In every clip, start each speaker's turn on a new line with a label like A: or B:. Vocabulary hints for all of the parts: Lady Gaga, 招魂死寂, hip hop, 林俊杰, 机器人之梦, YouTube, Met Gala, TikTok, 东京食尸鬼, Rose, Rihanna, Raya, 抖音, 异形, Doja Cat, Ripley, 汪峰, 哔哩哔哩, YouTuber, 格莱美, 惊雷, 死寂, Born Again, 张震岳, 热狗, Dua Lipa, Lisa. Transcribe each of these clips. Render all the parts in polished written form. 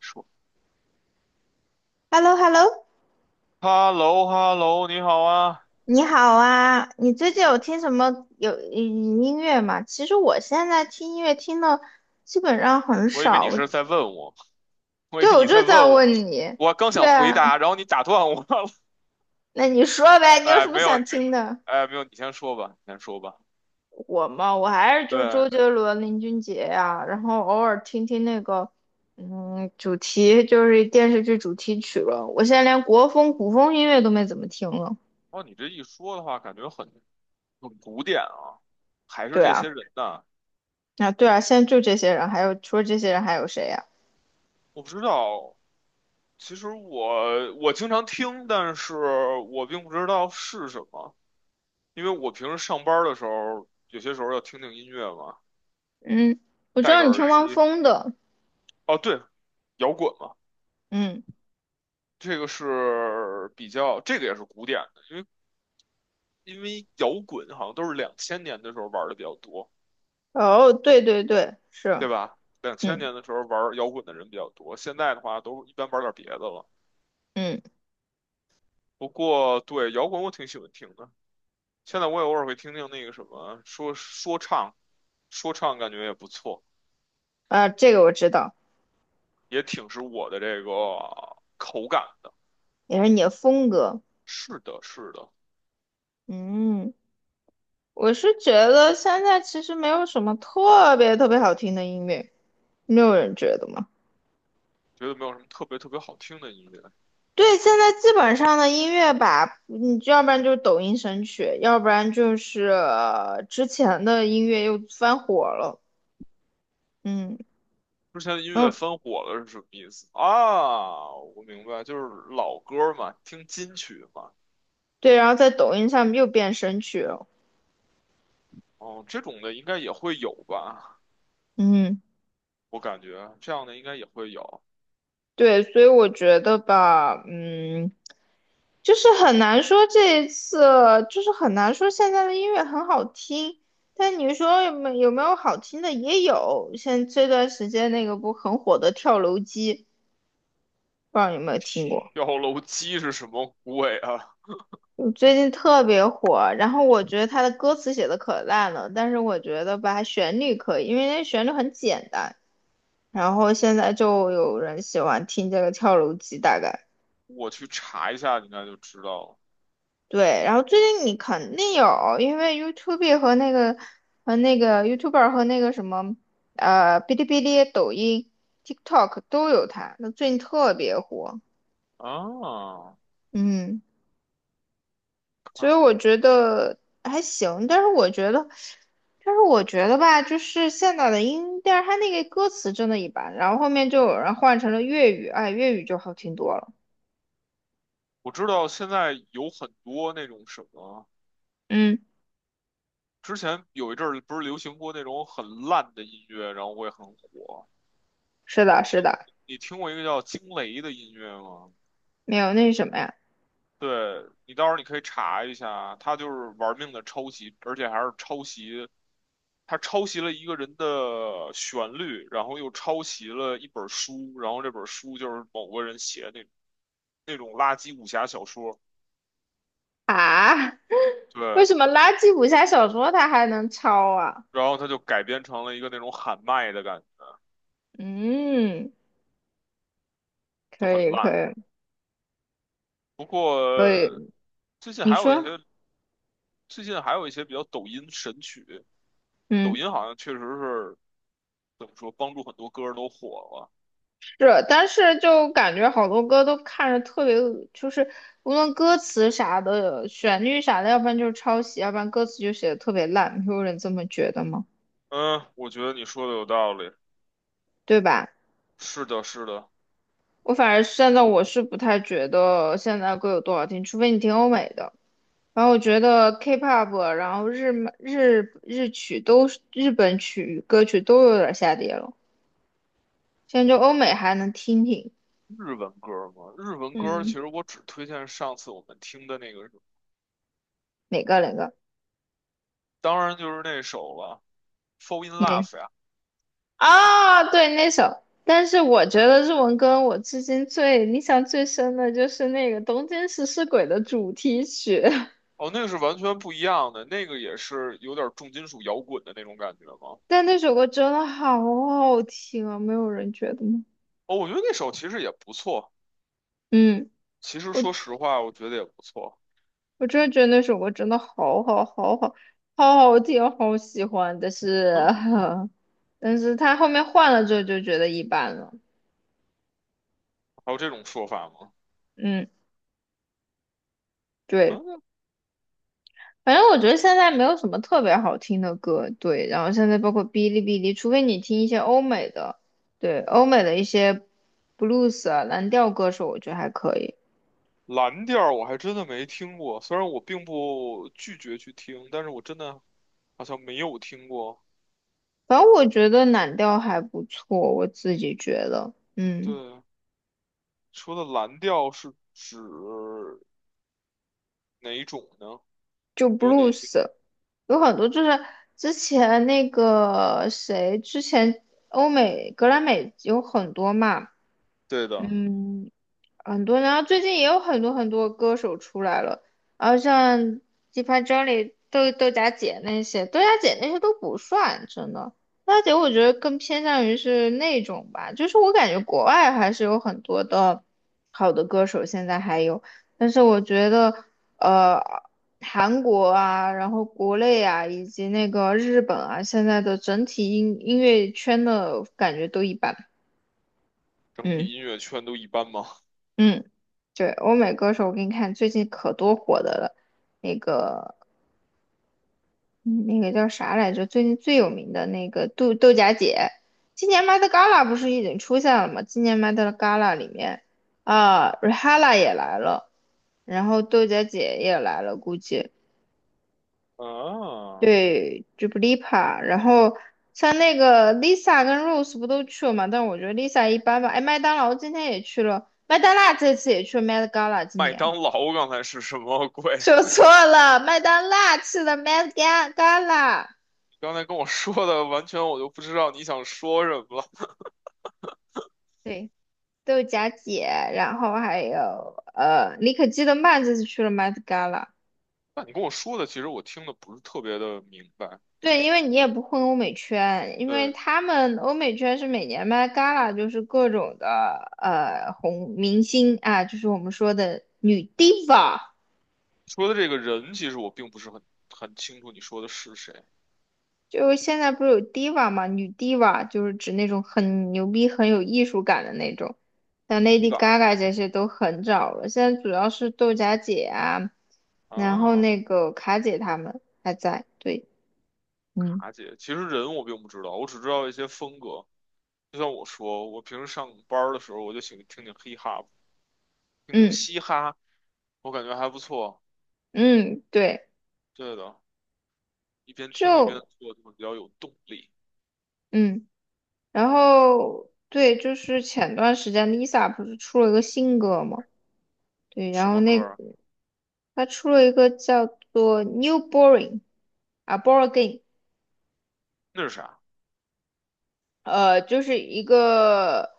A: 说
B: Hello hello
A: "hello hello，你好啊"，
B: 你好啊！你最
A: 你
B: 近有
A: 啊
B: 听什么音乐吗？其实我现在听音乐听的基本上很
A: 我以为
B: 少。
A: 你是在问我，我以
B: 对，
A: 为
B: 我
A: 你在
B: 就在
A: 问我，
B: 问你。
A: 我刚
B: 对
A: 想回
B: 啊，
A: 答，然后你打断我了。
B: 那你说呗，你有
A: 哎，
B: 什么
A: 没
B: 想
A: 有，
B: 听的？
A: 哎，没有，你先说吧，你先说吧。
B: 我嘛，我还是就
A: 对。
B: 周杰伦、林俊杰呀、然后偶尔听听那个，主题就是电视剧主题曲了。我现在连国风、古风音乐都没怎么听了。
A: 哦，你这一说的话，感觉很古典啊，还是
B: 对
A: 这
B: 啊，
A: 些人呐？
B: 啊对啊，现在就这些人，还有除了这些人还有谁呀？
A: 我不知道，其实我经常听，但是我并不知道是什么，因为我平时上班的时候，有些时候要听听音乐嘛，
B: 嗯，我知
A: 戴
B: 道
A: 个
B: 你
A: 耳
B: 听汪
A: 机。
B: 峰的，
A: 哦，对，摇滚嘛。
B: 嗯，
A: 这个是比较，这个也是古典的，因为摇滚好像都是两千年的时候玩的比较多，
B: 哦，对对对，是，
A: 对吧？两千
B: 嗯
A: 年的时候玩摇滚的人比较多，现在的话都一般玩点别的了。
B: 嗯，
A: 不过对摇滚我挺喜欢听的，现在我也偶尔会听听那个什么说唱，说唱感觉也不错，
B: 啊，这个我知道，
A: 也挺是我的这个口感的。
B: 也是你的风格，
A: 是的，是的。
B: 嗯，我是觉得现在其实没有什么特别特别好听的音乐，没有人觉得吗？
A: 觉得没有什么特别特别好听的音乐。
B: 对，现在基本上的音乐吧，你要不然就是抖音神曲，要不然就是之前的音乐又翻火了，嗯
A: 之前的音乐
B: 嗯，
A: 翻火了是什么意思啊？我明白，就是老歌嘛，听金曲嘛。
B: 对，然后在抖音上面又变神曲了，
A: 哦，这种的应该也会有吧？
B: 嗯。
A: 我感觉这样的应该也会有。
B: 对，所以我觉得吧，就是很难说这一次，就是很难说现在的音乐很好听，但你说有没有没有好听的也有，像这段时间那个不很火的跳楼机，不知道你有没有听过？
A: 跳楼机是什么鬼啊？
B: 嗯最近特别火，然后我觉得他的歌词写的可烂了，但是我觉得吧，它旋律可以，因为那旋律很简单，然后现在就有人喜欢听这个跳楼机，大概。
A: 我去查一下，应该就知道了。
B: 对，然后最近你肯定有，因为 YouTube 和那个YouTuber 和那个什么哔哩哔哩、抖音、TikTok 都有他，那最近特别火。
A: 啊，
B: 嗯，所以
A: 看
B: 我
A: 看。
B: 觉得还行，但是我觉得，但是我觉得吧，就是现在的音调，它那个歌词真的一般，然后后面就有人换成了粤语，哎，粤语就好听多了。
A: 我知道现在有很多那种什么，
B: 嗯，
A: 之前有一阵儿不是流行过那种很烂的音乐，然后会很火。
B: 是的，
A: 你
B: 是
A: 听，
B: 的，
A: 你听过一个叫惊雷的音乐吗？
B: 没有那什么呀
A: 对，你到时候你可以查一下，他就是玩命的抄袭，而且还是抄袭，他抄袭了一个人的旋律，然后又抄袭了一本书，然后这本书就是某个人写的那种垃圾武侠小说。
B: 啊。为
A: 对，
B: 什么垃圾武侠小说它还能抄啊？
A: 然后他就改编成了一个那种喊麦的感觉，
B: 嗯，
A: 就
B: 可
A: 很
B: 以可
A: 烂。
B: 以
A: 不过
B: 可以，
A: 最近
B: 你
A: 还有一
B: 说，
A: 些，最近还有一些比较抖音神曲，抖
B: 嗯，
A: 音好像确实是怎么说，帮助很多歌儿都火了。
B: 是，但是就感觉好多歌都看着特别恶就是无论歌词啥的、旋律啥的，要不然就是抄袭，要不然歌词就写的特别烂，你会有人这么觉得吗？
A: 嗯，我觉得你说的有道理。
B: 对吧？
A: 是的，是的。
B: 我反而现在我是不太觉得现在歌有多好听，除非你听欧美的。然后我觉得 K-pop，然后日日日曲都是日本曲歌曲都有点下跌了。现在就欧美还能听听，
A: 日文歌吗？日文歌其
B: 嗯，
A: 实我只推荐上次我们听的那个，
B: 哪个哪个
A: 当然就是那首了，《Fall in
B: 哪
A: Love》呀。
B: 啊？对，那首。但是我觉得日文歌我至今最印象最深的就是那个《东京食尸鬼》的主题曲，
A: 哦，那个是完全不一样的，那个也是有点重金属摇滚的那种感觉吗？
B: 但那首歌真的好好听啊！没有人觉得吗？
A: 哦，我觉得那首其实也不错，
B: 嗯，
A: 其实
B: 我
A: 说实话，我觉得也不错。
B: 我真的觉得那首歌真的好好好好好好听，好喜欢。但是，
A: 嗯，
B: 但是他后面换了之后就觉得一般了。
A: 还有这种说法吗？
B: 嗯，对。
A: 嗯，
B: 反正我觉得现在没有什么特别好听的歌，对。然后现在包括哔哩哔哩，除非你听一些欧美的，对，欧美的一些 blues 啊、蓝调歌手，我觉得还可以。
A: 蓝调我还真的没听过，虽然我并不拒绝去听，但是我真的好像没有听过。
B: 反正我觉得蓝调还不错，我自己觉得，
A: 对，
B: 嗯，
A: 说的蓝调是指哪一种呢？
B: 就
A: 有哪些？
B: blues 有很多就是之前那个谁，之前欧美格莱美有很多嘛，
A: 对的。
B: 嗯，很多然后最近也有很多很多歌手出来了，然后像 Deep Jelly、豆荚姐那些，豆荚姐那些都不算，真的。豆荚姐我觉得更偏向于是那种吧，就是我感觉国外还是有很多的好的歌手，现在还有，但是我觉得呃，韩国啊，然后国内啊，以及那个日本啊，现在的整体音乐圈的感觉都一般，
A: 整
B: 嗯。
A: 体音乐圈都一般吗？
B: 嗯，对，欧美歌手，我给你看，最近可多火的了，那个嗯那个叫啥来着？最近最有名的那个豆荚姐，今年 Met Gala 不是已经出现了吗？今年 Met Gala 里面啊 Rihana 也来了，然后豆荚姐也来了，估计
A: 啊，
B: 对 Duplipa 然后像那个 Lisa 跟 Rose 不都去了嘛？但我觉得 Lisa 一般吧。哎，麦当劳今天也去了，麦当娜这次也去了 Met Gala 今
A: 麦
B: 年。
A: 当劳刚才是什么鬼？
B: 说错了，麦当娜去了麦当当啦，
A: 你刚才跟我说的完全我都不知道你想说什么了。
B: 对，豆荚姐，然后还有李可基德曼这次去了麦当 a
A: 那你跟我说的其实我听的不是特别的明白。
B: 对，因为你也不混欧美圈，因为
A: 对，
B: 他们欧美圈是每年 Met gala 就是各种的红明星啊，就是我们说的女 diva。
A: 说的这个人其实我并不是很清楚你说的是谁。
B: 就是现在不是有 diva 嘛，女 diva 就是指那种很牛逼、很有艺术感的那种，像
A: 第一
B: Lady
A: 把
B: Gaga 这些都很早了。现在主要是豆荚姐啊，然后
A: 啊。
B: 那个卡姐她们还在。对，嗯
A: 卡姐，其实人我并不知道，我只知道一些风格。就像我说，我平时上班儿的时候我就喜欢听听 hip hop，听听
B: 嗯
A: 嘻哈，我感觉还不错。
B: 嗯，对，
A: 对的，一边听一边
B: 就
A: 做就会比较有动力。
B: 嗯，然后对，就是前段时间 Lisa 不是出了一个新歌嘛？对，
A: 什
B: 然后
A: 么歌
B: 那
A: 儿？
B: 她出了一个叫做《New Boring》啊，《Boring》。
A: 那是啥
B: 就是一个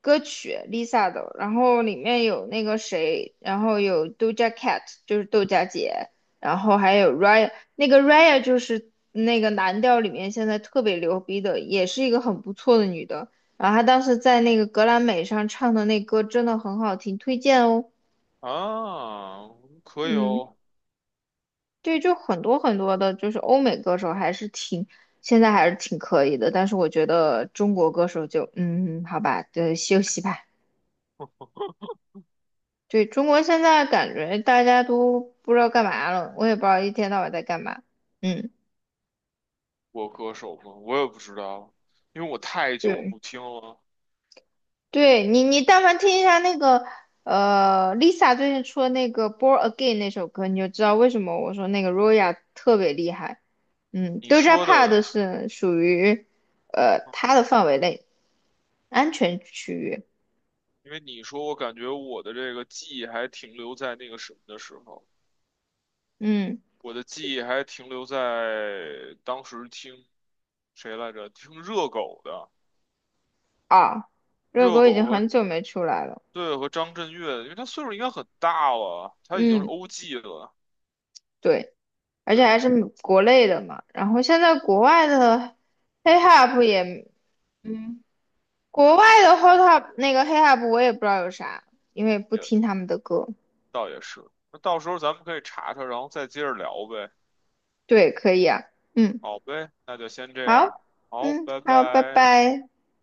B: 歌曲 Lisa 的，然后里面有那个谁，然后有 Doja Cat，就是豆荚姐，然后还有 Raya，那个 Raya 就是那个蓝调里面现在特别牛逼的，也是一个很不错的女的。然后她当时在那个格莱美上唱的那歌真的很好听，推荐哦。
A: 啊？可以
B: 嗯。
A: 哦。
B: 对，就很多很多的，就是欧美歌手还是挺，现在还是挺可以的，但是我觉得中国歌手就，好吧，对，休息吧。对，中国现在感觉大家都不知道干嘛了，我也不知道一天到晚在干嘛。嗯，
A: 我歌手吗？我也不知道，因为我太久
B: 对，
A: 不听了。
B: 对你但凡听一下那个，Lisa 最近出的那个《Born Again》那首歌，你就知道为什么我说那个 Roya 特别厉害。嗯
A: 你
B: ，Doja
A: 说
B: Cat
A: 的，
B: 是属于，她的范围内，安全区域。
A: 因为你说，我感觉我的这个记忆还停留在那个什么的时候，
B: 嗯
A: 我的记忆还停留在当时听谁来着？听热狗的。
B: 啊，热
A: 热
B: 狗已经
A: 狗和
B: 很久没出来了。
A: 对，和张震岳，因为他岁数应该很大了，他已经是
B: 嗯，
A: OG 了。
B: 对，而且
A: 对。
B: 还是美国内的嘛。然后现在国外的 hip hop 也，嗯，国外的 h o t hop 那个 hip hop 我也不知道有啥，因为不
A: 也。
B: 听他们的歌。
A: 倒也是，那到时候咱们可以查查，然后再接着聊呗。
B: 对，可以啊。嗯，
A: 好呗，那就先这样。
B: 好，
A: 好，
B: 嗯，
A: 拜
B: 好，拜
A: 拜。
B: 拜。